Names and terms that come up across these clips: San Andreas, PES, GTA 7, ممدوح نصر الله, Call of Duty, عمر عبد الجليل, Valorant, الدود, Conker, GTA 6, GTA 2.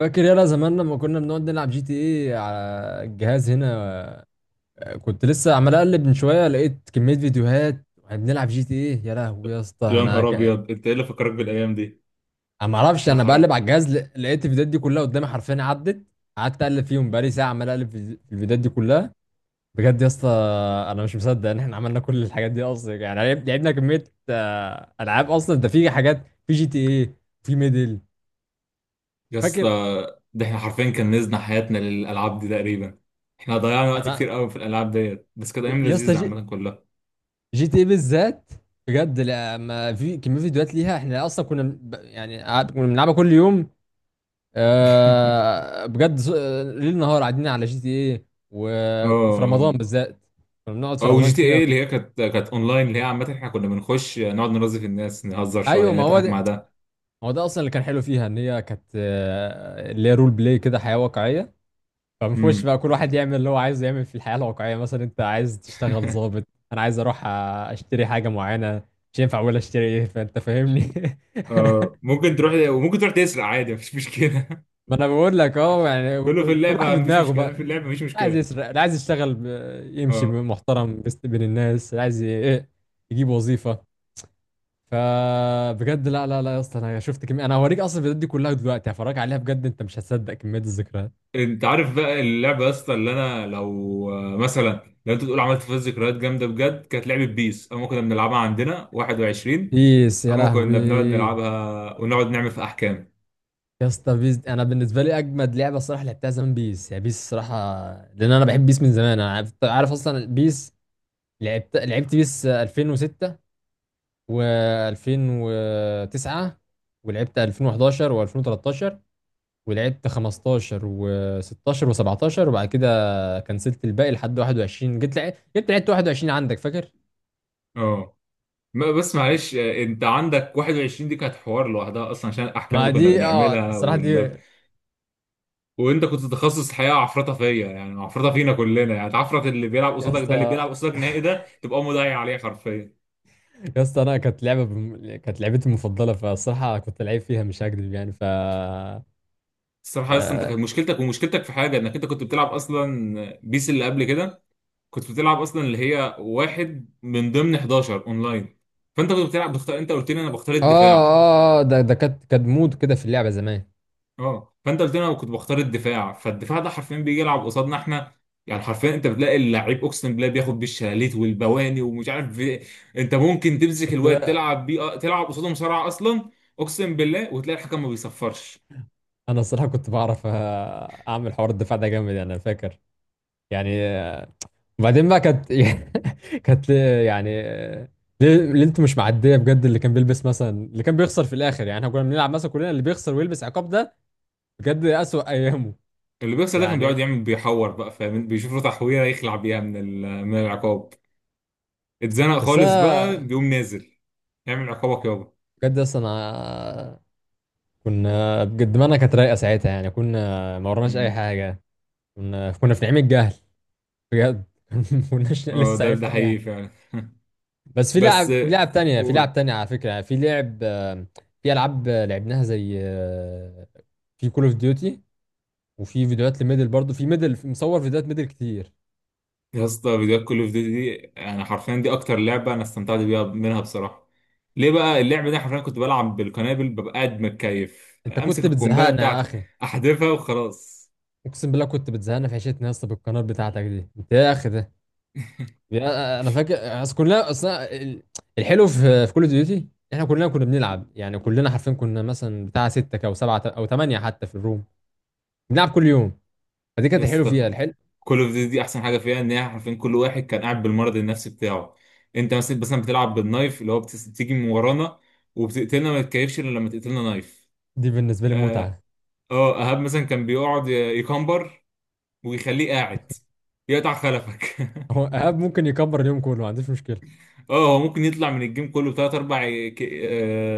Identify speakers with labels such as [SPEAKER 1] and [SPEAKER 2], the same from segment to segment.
[SPEAKER 1] فاكر يلا زمان لما كنا بنقعد نلعب جي تي ايه على الجهاز هنا. كنت لسه عمال اقلب من شويه لقيت كميه فيديوهات واحنا بنلعب جي تي ايه، يا لهوي يا اسطى
[SPEAKER 2] يا نهار ابيض، انت ايه اللي فكرك بالايام دي؟
[SPEAKER 1] انا ما اعرفش،
[SPEAKER 2] ده
[SPEAKER 1] انا
[SPEAKER 2] حرام
[SPEAKER 1] بقلب على الجهاز لقيت الفيديوهات دي كلها قدامي حرفيا، عدت قعدت اقلب فيهم بقالي ساعه عمال اقلب في الفيديوهات دي كلها. بجد يا اسطى، انا مش مصدق ان احنا عملنا كل الحاجات دي اصلا، يعني لعبنا كميه العاب اصلا، ده في حاجات في جي تي ايه، في ميدل،
[SPEAKER 2] يا اسطى.
[SPEAKER 1] فاكر.
[SPEAKER 2] ده احنا حرفيا كنزنا حياتنا للالعاب دي تقريبا. احنا ضيعنا وقت
[SPEAKER 1] انا
[SPEAKER 2] كتير قوي في الالعاب ديت، بس كانت ايام
[SPEAKER 1] يا اسطى،
[SPEAKER 2] لذيذه عامه كلها.
[SPEAKER 1] جي تي بالذات، بجد لما في كميه فيديوهات ليها، احنا اصلا كنا كنا بنلعبها كل يوم. آه، بجد ز- آه، ليل نهار قاعدين على جي تي ايه، وفي
[SPEAKER 2] اه.
[SPEAKER 1] رمضان بالذات كنا بنقعد
[SPEAKER 2] اه،
[SPEAKER 1] في رمضان
[SPEAKER 2] وجي تي
[SPEAKER 1] كتير قوي.
[SPEAKER 2] ايه اللي هي كانت اونلاين، اللي هي عامه احنا كنا بنخش نقعد نرازي في الناس، نهزر
[SPEAKER 1] ايوه،
[SPEAKER 2] شويه،
[SPEAKER 1] ما هو
[SPEAKER 2] نضحك مع
[SPEAKER 1] ده،
[SPEAKER 2] ده.
[SPEAKER 1] ما هو ده اصلا اللي كان حلو فيها، ان هي كانت اللي هي رول بلاي كده، حياه واقعيه، فبنخش
[SPEAKER 2] امم
[SPEAKER 1] بقى كل واحد يعمل اللي هو عايزه يعمل في الحياه الواقعيه. مثلا انت عايز تشتغل ضابط، انا عايز اروح اشتري حاجه معينه، مش ينفع اقول اشتري ايه، فانت فاهمني.
[SPEAKER 2] اه، ممكن تروح وممكن تروح تسرق عادي مفيش مشكله.
[SPEAKER 1] ما انا بقول لك اه يعني،
[SPEAKER 2] كله في
[SPEAKER 1] كل واحد
[SPEAKER 2] اللعبه، مفيش
[SPEAKER 1] بدماغه بقى،
[SPEAKER 2] مشكله في
[SPEAKER 1] اللي
[SPEAKER 2] اللعبه مفيش
[SPEAKER 1] عايز
[SPEAKER 2] مشكله.
[SPEAKER 1] يسرق، اللي عايز يمشي
[SPEAKER 2] اه.
[SPEAKER 1] محترم بين الناس، اللي عايز ي... إيه، يجيب وظيفه. فبجد لا لا لا يا اسطى، انا شفت كميه، انا هوريك اصلا الفيديوهات دي كلها دلوقتي، هفرجك عليها، بجد انت مش هتصدق كميه الذكريات.
[SPEAKER 2] انت عارف بقى اللعبه يا اسطى؟ اللي انا لو مثلا لو انت تقول عملت فيها ذكريات جامده بجد، كانت لعبه بيس اما كنا بنلعبها عندنا 21.
[SPEAKER 1] بيس، يا
[SPEAKER 2] اما كنا بنقعد
[SPEAKER 1] لهوي.
[SPEAKER 2] نلعبها ونقعد نعمل في احكام.
[SPEAKER 1] يا اسطى انا بالنسبه لي اجمد لعبه الصراحه لعبتها زمان بيس، يعني بيس الصراحه، لان انا بحب بيس من زمان، انا عارف اصلا بيس. لعبت بيس 2006 و2009، ولعبت 2011 و2013، ولعبت 15 و16 و17، وبعد كده كنسلت الباقي لحد 21، جيت لعبت 21، عندك فاكر؟
[SPEAKER 2] اه، بس معلش، انت عندك 21 دي كانت حوار لوحدها اصلا عشان الاحكام
[SPEAKER 1] ما
[SPEAKER 2] اللي كنا
[SPEAKER 1] دي اه
[SPEAKER 2] بنعملها
[SPEAKER 1] الصراحة دي يا
[SPEAKER 2] وانت كنت تخصص الحقيقه عفرطه فيا، يعني عفرطه فينا كلنا، يعني تعفرط اللي بيلعب قصادك. ده اللي
[SPEAKER 1] اسطى.
[SPEAKER 2] بيلعب قصادك نهائي ده تبقى مضيع عليه حرفيا.
[SPEAKER 1] يا اسطى انا كانت لعبتي المفضلة، فالصراحة كنت لعيب فيها مش هكذب يعني، ف اه
[SPEAKER 2] الصراحة اصلا انت كانت مشكلتك، ومشكلتك في حاجة، انك انت كنت بتلعب اصلا بيس اللي قبل كده. كنت بتلعب اصلا اللي هي واحد من ضمن 11 اونلاين، فانت كنت بتلعب بختار. انت قلت لي انا بختار
[SPEAKER 1] اه
[SPEAKER 2] الدفاع.
[SPEAKER 1] آه، ده كانت مود كده في اللعبة زمان.
[SPEAKER 2] اه، فانت قلت لي انا كنت بختار الدفاع، فالدفاع ده حرفيا بيجي يلعب قصادنا احنا. يعني حرفيا انت بتلاقي اللعيب، اقسم بالله، بياخد بالشلاليت والبواني ومش عارف إيه. انت ممكن تمسك الواد
[SPEAKER 1] كنت،
[SPEAKER 2] تلعب بيه، تلعب قصاده مصارعة اصلا. اقسم بالله، وتلاقي الحكم ما بيصفرش.
[SPEAKER 1] انا الصراحة كنت بعرف اعمل حوار، الدفاع ده جامد يعني، انا فاكر يعني آه، وبعدين بقى كانت كانت ليه- يعني آه، ليه ليه انتوا مش معديه بجد؟ اللي كان بيلبس، مثلا اللي كان بيخسر في الاخر، يعني احنا كنا بنلعب مثلا كلنا، اللي بيخسر ويلبس عقاب ده بجد اسوأ ايامه
[SPEAKER 2] اللي بيحصل ده كان
[SPEAKER 1] يعني.
[SPEAKER 2] بيقعد يعمل، بيحور بقى، فاهم، بيشوف له تحويره يخلع بيها من من العقاب. اتزنق
[SPEAKER 1] بس
[SPEAKER 2] خالص بقى
[SPEAKER 1] انا
[SPEAKER 2] بيقوم نازل يعمل عقابك يابا.
[SPEAKER 1] بجد اصلا أنا- كنا بجد دماغنا كانت رايقه ساعتها، يعني كنا ما ورناش اي
[SPEAKER 2] مم.
[SPEAKER 1] حاجه، كنا في نعيم الجهل بجد. ما كناش
[SPEAKER 2] اه،
[SPEAKER 1] لسه
[SPEAKER 2] ده
[SPEAKER 1] عرفنا اي.
[SPEAKER 2] حقيقي فعلا.
[SPEAKER 1] بس في
[SPEAKER 2] بس
[SPEAKER 1] لعب لعب تانية، في لعب
[SPEAKER 2] قول
[SPEAKER 1] تانية على فكرة، يعني في لعب آه، في ألعاب لعبناها زي في كول اوف ديوتي، وفي فيديوهات لميدل برضو، في ميدل مصور فيديوهات ميدل كتير.
[SPEAKER 2] يا اسطى. فيديوهات كل اوف ديوتي دي يعني حرفيا دي اكتر لعبه انا استمتعت بيها منها بصراحه. ليه بقى؟ اللعبه دي حرفيا كنت بلعب بالقنابل، ببقى قاعد متكيف
[SPEAKER 1] انت
[SPEAKER 2] امسك
[SPEAKER 1] كنت
[SPEAKER 2] القنبله
[SPEAKER 1] بتزهقنا يا
[SPEAKER 2] بتاعتي
[SPEAKER 1] اخي،
[SPEAKER 2] احذفها وخلاص.
[SPEAKER 1] اقسم بالله كنت بتزهقنا في عيشتنا يا اسطى بالقناه بتاعتك دي، انت يا اخي ده انا فاكر. اصل كلنا الحلو في كول اوف ديوتي، احنا كلنا كنا بنلعب، يعني كلنا حرفيا كنا مثلا بتاع ستة او سبعة او ثمانية حتى في الروم، بنلعب كل يوم، فدي
[SPEAKER 2] يا
[SPEAKER 1] كانت الحلو فيها
[SPEAKER 2] اسطى،
[SPEAKER 1] الحلو.
[SPEAKER 2] كل اوف دي احسن حاجه فيها ان هي حرفيا كل واحد كان قاعد بالمرض النفسي بتاعه. انت مثلا بتلعب بالنايف، اللي هو بتيجي من ورانا وبتقتلنا، ما تتكيفش الا لما تقتلنا نايف.
[SPEAKER 1] دي بالنسبة لي
[SPEAKER 2] اه،
[SPEAKER 1] متعة.
[SPEAKER 2] ايهاب مثلا كان بيقعد يكمبر، ويخليه قاعد يقطع خلفك.
[SPEAKER 1] هو ايهاب ممكن يكبر اليوم كله، ما عنديش مشكله.
[SPEAKER 2] اه، هو ممكن يطلع من الجيم كله بتلات اربع،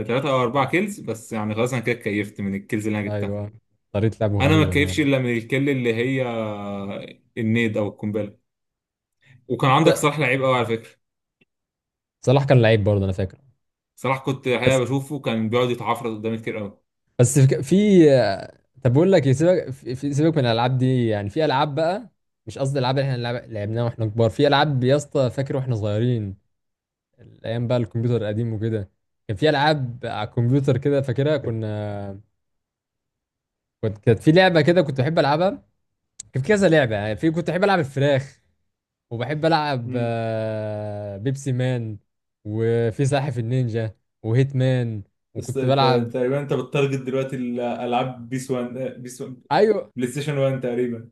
[SPEAKER 2] ثلاثة او اربع كيلز بس، يعني خلاص انا كده اتكيفت من الكيلز اللي انا جبتها.
[SPEAKER 1] ايوه طريقه لعبه
[SPEAKER 2] انا ما
[SPEAKER 1] غريبه انا،
[SPEAKER 2] اتكيفش الا من الكيل، اللي هي آه، النيد او القنبله. وكان عندك
[SPEAKER 1] انت
[SPEAKER 2] صلاح لعيب قوي على فكره.
[SPEAKER 1] صلاح كان لعيب برضه، انا فاكر.
[SPEAKER 2] صراحة كنت الحقيقة
[SPEAKER 1] بس
[SPEAKER 2] بشوفه كان بيقعد يتعفرط قدامي كتير قوي.
[SPEAKER 1] بس في في- طب بقول لك إيه، سيبك من الالعاب دي، يعني في العاب بقى، مش قصدي الالعاب اللي احنا لعبناها واحنا كبار، في العاب يا اسطى فاكر واحنا صغيرين، الايام بقى، الكمبيوتر القديم وكده، كان في العاب على الكمبيوتر كده فاكرها. كنا كنت كانت في لعبه كده كنت بحب العبها، كان في كذا لعبه يعني، في كنت بحب العب الفراخ، وبحب العب
[SPEAKER 2] مم.
[SPEAKER 1] بيبسي مان، وفي ساحف النينجا، وهيت مان،
[SPEAKER 2] بس
[SPEAKER 1] وكنت بلعب.
[SPEAKER 2] تقريبا انت بتتارجت دلوقتي الالعاب، بيس 1، بيس 1،
[SPEAKER 1] ايوه،
[SPEAKER 2] بلاي ستيشن 1 تقريبا.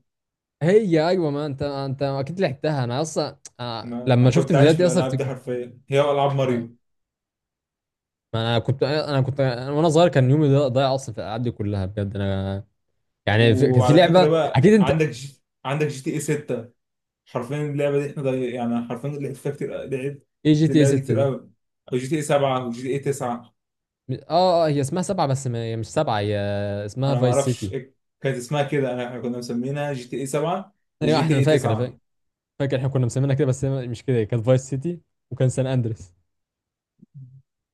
[SPEAKER 1] هي ايوه ما انت انت اكيد لعبتها، انا اصلا
[SPEAKER 2] ما
[SPEAKER 1] لما شفت
[SPEAKER 2] كنت عايش
[SPEAKER 1] فيديوهات
[SPEAKER 2] في
[SPEAKER 1] دي اصلا
[SPEAKER 2] الالعاب دي
[SPEAKER 1] افتكرت.
[SPEAKER 2] حرفيا، هي العاب
[SPEAKER 1] ما
[SPEAKER 2] ماريو.
[SPEAKER 1] انا كنت، انا كنت أنا وانا صغير كان يومي ضايع اصلا في الالعاب دي كلها، بجد انا يعني كانت في
[SPEAKER 2] وعلى فكره
[SPEAKER 1] لعبه
[SPEAKER 2] بقى،
[SPEAKER 1] اكيد انت.
[SPEAKER 2] عندك عندك جي تي اي 6. حرفيا اللعبه دي احنا يعني حرفيا لعبت فيها كتير، لعبت
[SPEAKER 1] ايه جي تي اي
[SPEAKER 2] اللعبه دي
[SPEAKER 1] 6
[SPEAKER 2] كتير
[SPEAKER 1] دي؟
[SPEAKER 2] قوي. او جي تي اي 7 وجي تي اي 9.
[SPEAKER 1] هي اسمها سبعه، بس ما... هي مش سبعه، هي اسمها
[SPEAKER 2] انا ما
[SPEAKER 1] فايس
[SPEAKER 2] اعرفش
[SPEAKER 1] سيتي.
[SPEAKER 2] إيه كانت اسمها كده، انا احنا كنا مسمينها جي تي اي 7
[SPEAKER 1] ايوه
[SPEAKER 2] وجي
[SPEAKER 1] احنا،
[SPEAKER 2] تي
[SPEAKER 1] أنا
[SPEAKER 2] اي
[SPEAKER 1] فاكر،
[SPEAKER 2] 9.
[SPEAKER 1] فاكر احنا كنا مسمينها كده، بس هي مش كده، هي كانت فايس سيتي، وكان سان اندريس.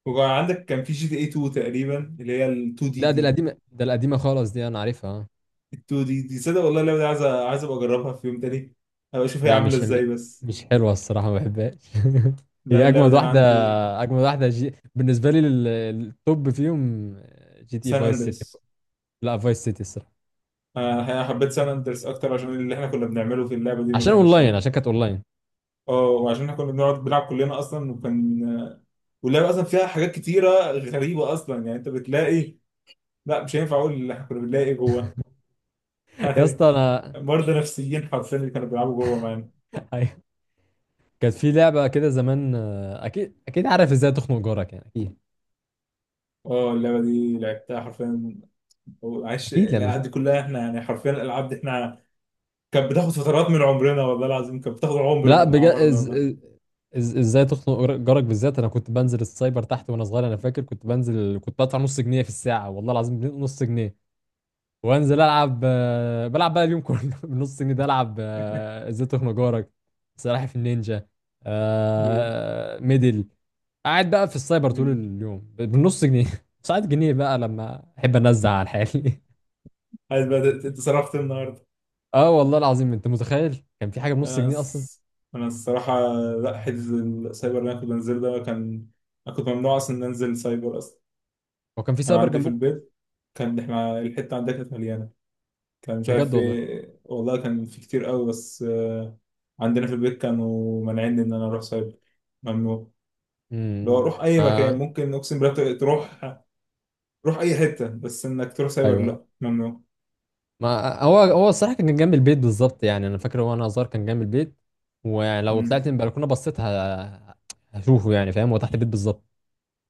[SPEAKER 2] وكان عندك كان في جي تي اي 2 تقريبا، اللي هي ال 2 دي
[SPEAKER 1] لا دي
[SPEAKER 2] دي.
[SPEAKER 1] القديمة، ده القديمة خالص دي أنا عارفها آه.
[SPEAKER 2] ال 2 دي دي، صدق والله اللعبه دي عايز عايز ابقى اجربها في يوم تاني، ابقى اشوف هي
[SPEAKER 1] لا
[SPEAKER 2] عامله
[SPEAKER 1] مش
[SPEAKER 2] ازاي بس.
[SPEAKER 1] مش حلوة الصراحة ما بحبهاش.
[SPEAKER 2] لا،
[SPEAKER 1] هي
[SPEAKER 2] اللعبه
[SPEAKER 1] أجمد
[SPEAKER 2] دي انا
[SPEAKER 1] واحدة،
[SPEAKER 2] عندي
[SPEAKER 1] أجمد واحدة بالنسبة لي التوب فيهم جي تي إيه
[SPEAKER 2] سان
[SPEAKER 1] فايس سيتي.
[SPEAKER 2] اندرس.
[SPEAKER 1] لا فايس سيتي الصراحة،
[SPEAKER 2] آه، حبيت سان اندرس اكتر عشان اللي احنا كنا بنعمله في اللعبه دي ما
[SPEAKER 1] عشان
[SPEAKER 2] كانش.
[SPEAKER 1] أونلاين، عشان كانت أونلاين.
[SPEAKER 2] اه، وعشان احنا كنا بنقعد بنلعب كلنا اصلا، وكان واللعبه اصلا فيها حاجات كتيره غريبه اصلا، يعني انت بتلاقي، لا مش هينفع اقول اللي احنا كنا بنلاقي جوه.
[SPEAKER 1] يا
[SPEAKER 2] يعني
[SPEAKER 1] اسطى أنا
[SPEAKER 2] مرضى نفسيين حرفيا اللي كانوا بيلعبوا جوه معانا.
[SPEAKER 1] أيوة. كانت في لعبة كده زمان أكيد، أكيد عارف إزاي تخنق جارك، يعني أكيد.
[SPEAKER 2] اه، اللعبه دي لعبتها حرفيا. وعاش
[SPEAKER 1] أكيد
[SPEAKER 2] الالعاب
[SPEAKER 1] لما،
[SPEAKER 2] دي كلها، احنا يعني حرفيا الالعاب دي احنا، كانت بتاخد فترات من عمرنا، والله العظيم كانت بتاخد عمر
[SPEAKER 1] لا
[SPEAKER 2] من
[SPEAKER 1] بجد
[SPEAKER 2] اعمارنا والله.
[SPEAKER 1] ازاي تخنق جارك، بالذات انا كنت بنزل السايبر تحت وانا صغير، انا فاكر كنت بنزل، كنت بدفع نص جنيه في الساعه، والله العظيم نص جنيه، وانزل العب بلعب بقى اليوم كله بنص جنيه ده، العب ازاي تخنق جارك، سلاحف النينجا،
[SPEAKER 2] مم.
[SPEAKER 1] ميدل. قاعد بقى في السايبر طول
[SPEAKER 2] مم.
[SPEAKER 1] اليوم بالنص جنيه. ساعات جنيه بقى لما احب انزع على حالي.
[SPEAKER 2] عايز بقى اتصرفت النهارده.
[SPEAKER 1] اه والله العظيم انت متخيل كان في حاجه بنص
[SPEAKER 2] انا
[SPEAKER 1] جنيه اصلا.
[SPEAKER 2] الص- انا الصراحه، لا، حجز السايبر اللي انا كنت بنزله ده كان، انا كنت ممنوع اصلا ان انزل سايبر اصلا.
[SPEAKER 1] هو كان في
[SPEAKER 2] كان
[SPEAKER 1] سايبر
[SPEAKER 2] عندي في
[SPEAKER 1] جنبكم؟
[SPEAKER 2] البيت، كان احنا الحته عندنا كانت مليانه، كان مش
[SPEAKER 1] بجد
[SPEAKER 2] عارف
[SPEAKER 1] والله.
[SPEAKER 2] ايه والله، كان في كتير قوي بس عندنا في البيت كانوا مانعيني ان انا اروح سايبر، ممنوع. لو اروح اي
[SPEAKER 1] اه.
[SPEAKER 2] مكان ممكن، اقسم بالله، تروح تروح اي حته، بس انك تروح سايبر
[SPEAKER 1] ايوه
[SPEAKER 2] لا، ممنوع.
[SPEAKER 1] ما هو، هو الصراحه كان جنب البيت بالظبط، يعني انا فاكر وانا صغير كان جنب البيت، ولو
[SPEAKER 2] مم.
[SPEAKER 1] طلعت من البلكونه هشوفه يعني فاهم، هو تحت البيت بالظبط.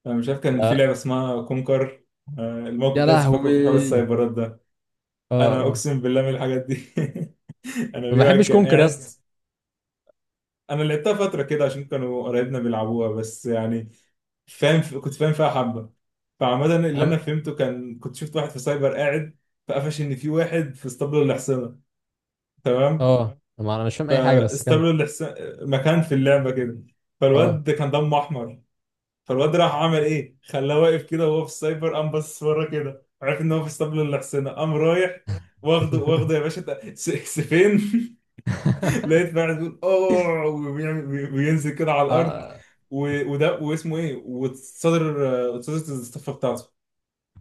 [SPEAKER 2] انا مش عارف، كان في لعبه
[SPEAKER 1] ف-
[SPEAKER 2] اسمها كونكر، الموقف
[SPEAKER 1] يا
[SPEAKER 2] ده لسه فاكره في حوار
[SPEAKER 1] لهوي.
[SPEAKER 2] السايبرات ده.
[SPEAKER 1] اه
[SPEAKER 2] انا
[SPEAKER 1] آه.
[SPEAKER 2] اقسم بالله من الحاجات دي. انا،
[SPEAKER 1] ما
[SPEAKER 2] في واحد
[SPEAKER 1] بحبش
[SPEAKER 2] كان
[SPEAKER 1] كونكر يا
[SPEAKER 2] قاعد.
[SPEAKER 1] اسطى.
[SPEAKER 2] انا لعبتها فتره كده عشان كانوا قرايبنا بيلعبوها بس، يعني فاهم، كنت فاهم فيها حبه. فعمدا، اللي انا
[SPEAKER 1] أنا-
[SPEAKER 2] فهمته، كان كنت شفت واحد في سايبر قاعد، فقفش ان في واحد في اسطبل الاحصنه، تمام،
[SPEAKER 1] اه ما انا مش فاهم اي حاجه، بس كمل.
[SPEAKER 2] فاستبدلوا الحسن... مكان في اللعبه كده،
[SPEAKER 1] اه.
[SPEAKER 2] فالواد كان دمه احمر، فالواد راح عمل ايه، خلاه واقف كده وهو في السايبر، قام باصص ورا كده، عرف ان هو في اسطبل الحسنة، قام رايح واخده واخده يا باشا سيفين. لقيت بعد بيقول اوه، بينزل كده على الارض،
[SPEAKER 1] آه.
[SPEAKER 2] وده واسمه ايه، تصدر الصفه بتاعته.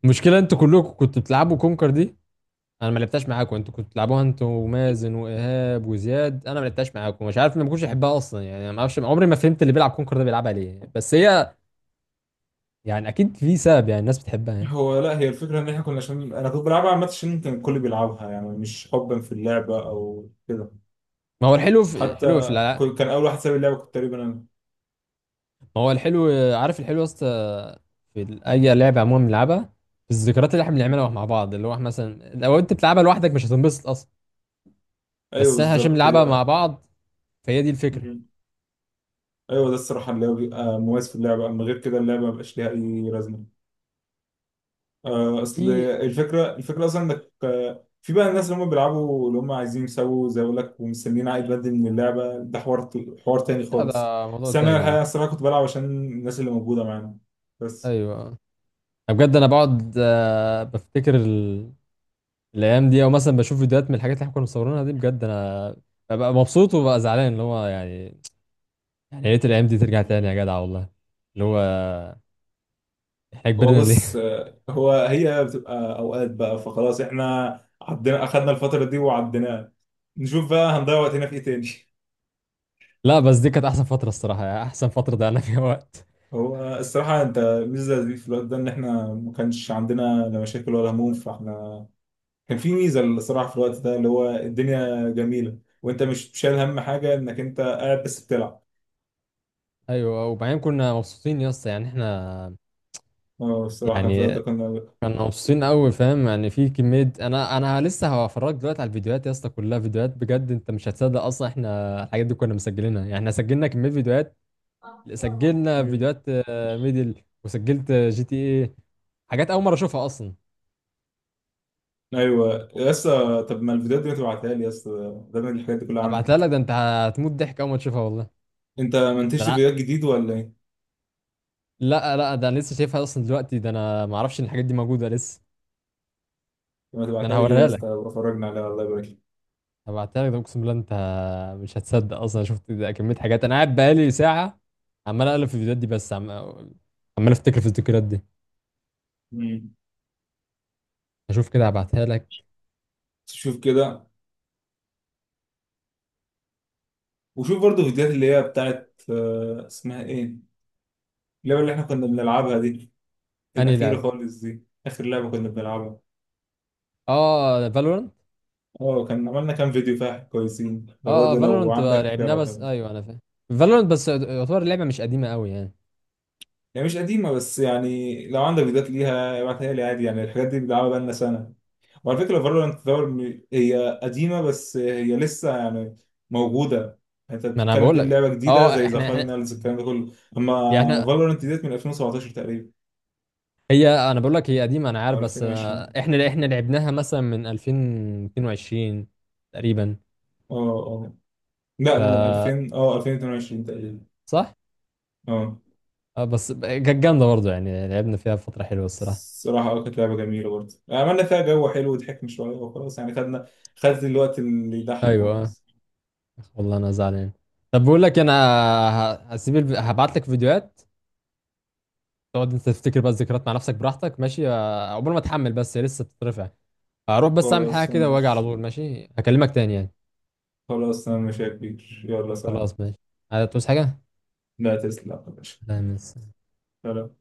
[SPEAKER 1] المشكله انتوا كلكم كنتوا بتلعبوا كونكر دي، انا ما لعبتهاش معاكم، انتوا كنتوا بتلعبوها انتوا ومازن وايهاب وزياد، انا ما لعبتهاش معاكم، مش عارف، ما كنتش احبها اصلا يعني، ما اعرفش، عمري ما فهمت اللي بيلعب كونكر ده بيلعبها ليه، بس هي يعني اكيد في سبب يعني، الناس بتحبها يعني.
[SPEAKER 2] هو لا، هي الفكره ان احنا كنا، عشان انا كنت بلعبها عامه عشان كان الكل بيلعبها، يعني مش حبا في اللعبه او كده.
[SPEAKER 1] ما هو الحلو في الحلو في
[SPEAKER 2] حتى
[SPEAKER 1] الع...
[SPEAKER 2] كان اول واحد ساب اللعبه كنت تقريبا انا.
[SPEAKER 1] ما هو الحلو عارف الحلو يا اسطى؟ في اي لعبه عموما بنلعبها، في الذكريات اللي احنا
[SPEAKER 2] مم.
[SPEAKER 1] بنعملها مع بعض، اللي هو احنا مثلا لو انت بتلعبها لوحدك مش هتنبسط اصلا،
[SPEAKER 2] ايوه
[SPEAKER 1] بس احنا عشان
[SPEAKER 2] بالظبط
[SPEAKER 1] بنلعبها مع
[SPEAKER 2] هي.
[SPEAKER 1] بعض، فهي دي الفكره.
[SPEAKER 2] مم. ايوه، ده الصراحه اللي هو بيبقى مميز في اللعبه، اما غير كده اللعبه ما بقاش ليها اي لازمه. اصل
[SPEAKER 1] في.
[SPEAKER 2] الفكره، الفكره اصلا انك، في بقى الناس اللي هم بيلعبوا، اللي هم عايزين يسووا زي، اقول لك، ومستنيين عائد مادي من اللعبه، ده حوار، حوار تاني
[SPEAKER 1] لا ده
[SPEAKER 2] خالص.
[SPEAKER 1] موضوع
[SPEAKER 2] بس انا
[SPEAKER 1] تاني ده.
[SPEAKER 2] الحقيقه، الصراحه، كنت بلعب عشان الناس اللي موجوده معانا بس.
[SPEAKER 1] ايوه. أنا بجد انا بقعد بفتكر الايام دي، او مثلا بشوف فيديوهات من الحاجات اللي احنا كنا مصورينها دي، بجد انا ببقى مبسوط وببقى زعلان، اللي هو يعني، يعني يا ريت الايام دي ترجع تاني يا جدع والله، اللي هو احنا
[SPEAKER 2] هو
[SPEAKER 1] كبرنا ليه؟
[SPEAKER 2] بص، هو، هي بتبقى اوقات بقى، فخلاص احنا عدينا، اخدنا الفتره دي وعديناها، نشوف بقى هنضيع وقتنا في ايه تاني.
[SPEAKER 1] لا بس دي كانت احسن فترة الصراحة، يعني احسن فترة ضيعنا فيها وقت.
[SPEAKER 2] هو الصراحه انت الميزه دي في الوقت ده ان احنا ما كانش عندنا لا مشاكل ولا هموم، فاحنا، كان في ميزه الصراحه في الوقت ده، اللي هو الدنيا جميله وانت مش شايل هم حاجه، انك انت قاعد بس بتلعب.
[SPEAKER 1] ايوه أه، وبعدين كنا مبسوطين يا اسطى يعني احنا،
[SPEAKER 2] اه، الصراحه كان في
[SPEAKER 1] يعني
[SPEAKER 2] الوقت ده كنا.
[SPEAKER 1] كنا مبسوطين قوي فاهم يعني، في كمية، انا لسه هفرجك دلوقتي على الفيديوهات يا اسطى، كلها فيديوهات بجد، انت مش هتصدق اصلا احنا الحاجات دي كنا مسجلينها، يعني احنا سجلنا كمية فيديوهات، سجلنا
[SPEAKER 2] مم.
[SPEAKER 1] فيديوهات ميدل، وسجلت جي تي ايه، حاجات اول مرة اشوفها اصلا.
[SPEAKER 2] ايوه يا اسطى، طب ما الفيديوهات دي ما تبعتها لي يا اسطى؟ ده من الحاجات دي كلها
[SPEAKER 1] ابعتها لك،
[SPEAKER 2] عندك،
[SPEAKER 1] ده انت هتموت ضحك اول ما تشوفها والله.
[SPEAKER 2] انت ما
[SPEAKER 1] ده
[SPEAKER 2] انتجت
[SPEAKER 1] أنا-
[SPEAKER 2] فيديوهات جديد ولا ايه؟
[SPEAKER 1] لا لا ده انا لسه شايفها اصلا دلوقتي، ده انا ما اعرفش ان الحاجات دي موجودة لسه.
[SPEAKER 2] لما
[SPEAKER 1] ده انا
[SPEAKER 2] تبعتها لي كده يا
[SPEAKER 1] هوريها لك،
[SPEAKER 2] اسطى، أبقى اتفرجنا عليها، الله يبارك لك.
[SPEAKER 1] هبعتها لك، ده اقسم بالله انت مش هتصدق اصلا شفت، ده كميه حاجات انا قاعد بقالي ساعه عمال اقلب في الفيديوهات دي، عمال افتكر في الذكريات دي.
[SPEAKER 2] مم.
[SPEAKER 1] اشوف كده، هبعتها لك.
[SPEAKER 2] شوف كده. وشوف برضه فيديوهات اللي هي بتاعت اسمها ايه، اللعبة اللي احنا كنا بنلعبها دي،
[SPEAKER 1] انهي
[SPEAKER 2] الأخيرة
[SPEAKER 1] لعب؟
[SPEAKER 2] خالص دي، آخر لعبة كنا بنلعبها.
[SPEAKER 1] اه فالورنت.
[SPEAKER 2] اه، كان عملنا كام فيديو فيها كويسين، ده
[SPEAKER 1] اه اه
[SPEAKER 2] برضه لو
[SPEAKER 1] فالورنت
[SPEAKER 2] عندك
[SPEAKER 1] لعبناها،
[SPEAKER 2] ابعتها
[SPEAKER 1] بس
[SPEAKER 2] لي.
[SPEAKER 1] ايوه انا فاهم، فالورنت بس يعتبر اللعبه مش قديمه قوي يعني.
[SPEAKER 2] هي مش قديمة، بس يعني لو عندك فيديوهات ليها ابعتها لي عادي، يعني الحاجات دي بنلعبها بقالنا سنة. وعلى فكرة فالورانت دور، هي قديمة بس هي لسه يعني موجودة. انت
[SPEAKER 1] ما انا
[SPEAKER 2] بتتكلم
[SPEAKER 1] بقول
[SPEAKER 2] تقول
[SPEAKER 1] لك
[SPEAKER 2] لعبة جديدة
[SPEAKER 1] اه
[SPEAKER 2] زي ذا
[SPEAKER 1] احنا
[SPEAKER 2] فاينلز الكلام ده كله، اما
[SPEAKER 1] يعني إحنا-
[SPEAKER 2] فالورانت ديت من 2017 تقريبا
[SPEAKER 1] هي انا بقول لك هي قديمه انا عارف،
[SPEAKER 2] او
[SPEAKER 1] بس آه،
[SPEAKER 2] 2020.
[SPEAKER 1] احنا احنا لعبناها مثلا من 2022 تقريبا.
[SPEAKER 2] اه، اه، لا من 2000، اه 2022 تقريبا.
[SPEAKER 1] صح.
[SPEAKER 2] اه،
[SPEAKER 1] اه بس كانت جامده برضه، يعني لعبنا فيها فتره حلوه الصراحه.
[SPEAKER 2] الصراحة اه كانت لعبة جميلة برضه، عملنا فيها جو حلو وضحكنا شوية وخلاص، يعني خدنا، خدت الوقت اللي يضحك
[SPEAKER 1] ايوه اه.
[SPEAKER 2] وخلاص.
[SPEAKER 1] والله انا زعلان. طب بقول لك انا، هبعت لك فيديوهات، تقعد انت تفتكر بقى الذكريات مع نفسك براحتك، ماشي؟ عقبال ما اتحمل بس، هي لسه بتترفع. هروح بس اعمل حاجه
[SPEAKER 2] خلاص انا
[SPEAKER 1] كده واجي على
[SPEAKER 2] مش
[SPEAKER 1] طول، ماشي؟ هكلمك تاني يعني.
[SPEAKER 2] خلاص انا مش يا كبير، يلا سلام.
[SPEAKER 1] خلاص ماشي. هتعوز حاجه؟
[SPEAKER 2] لا، تسلم يا باشا.
[SPEAKER 1] لا ميرسي.
[SPEAKER 2] سلام.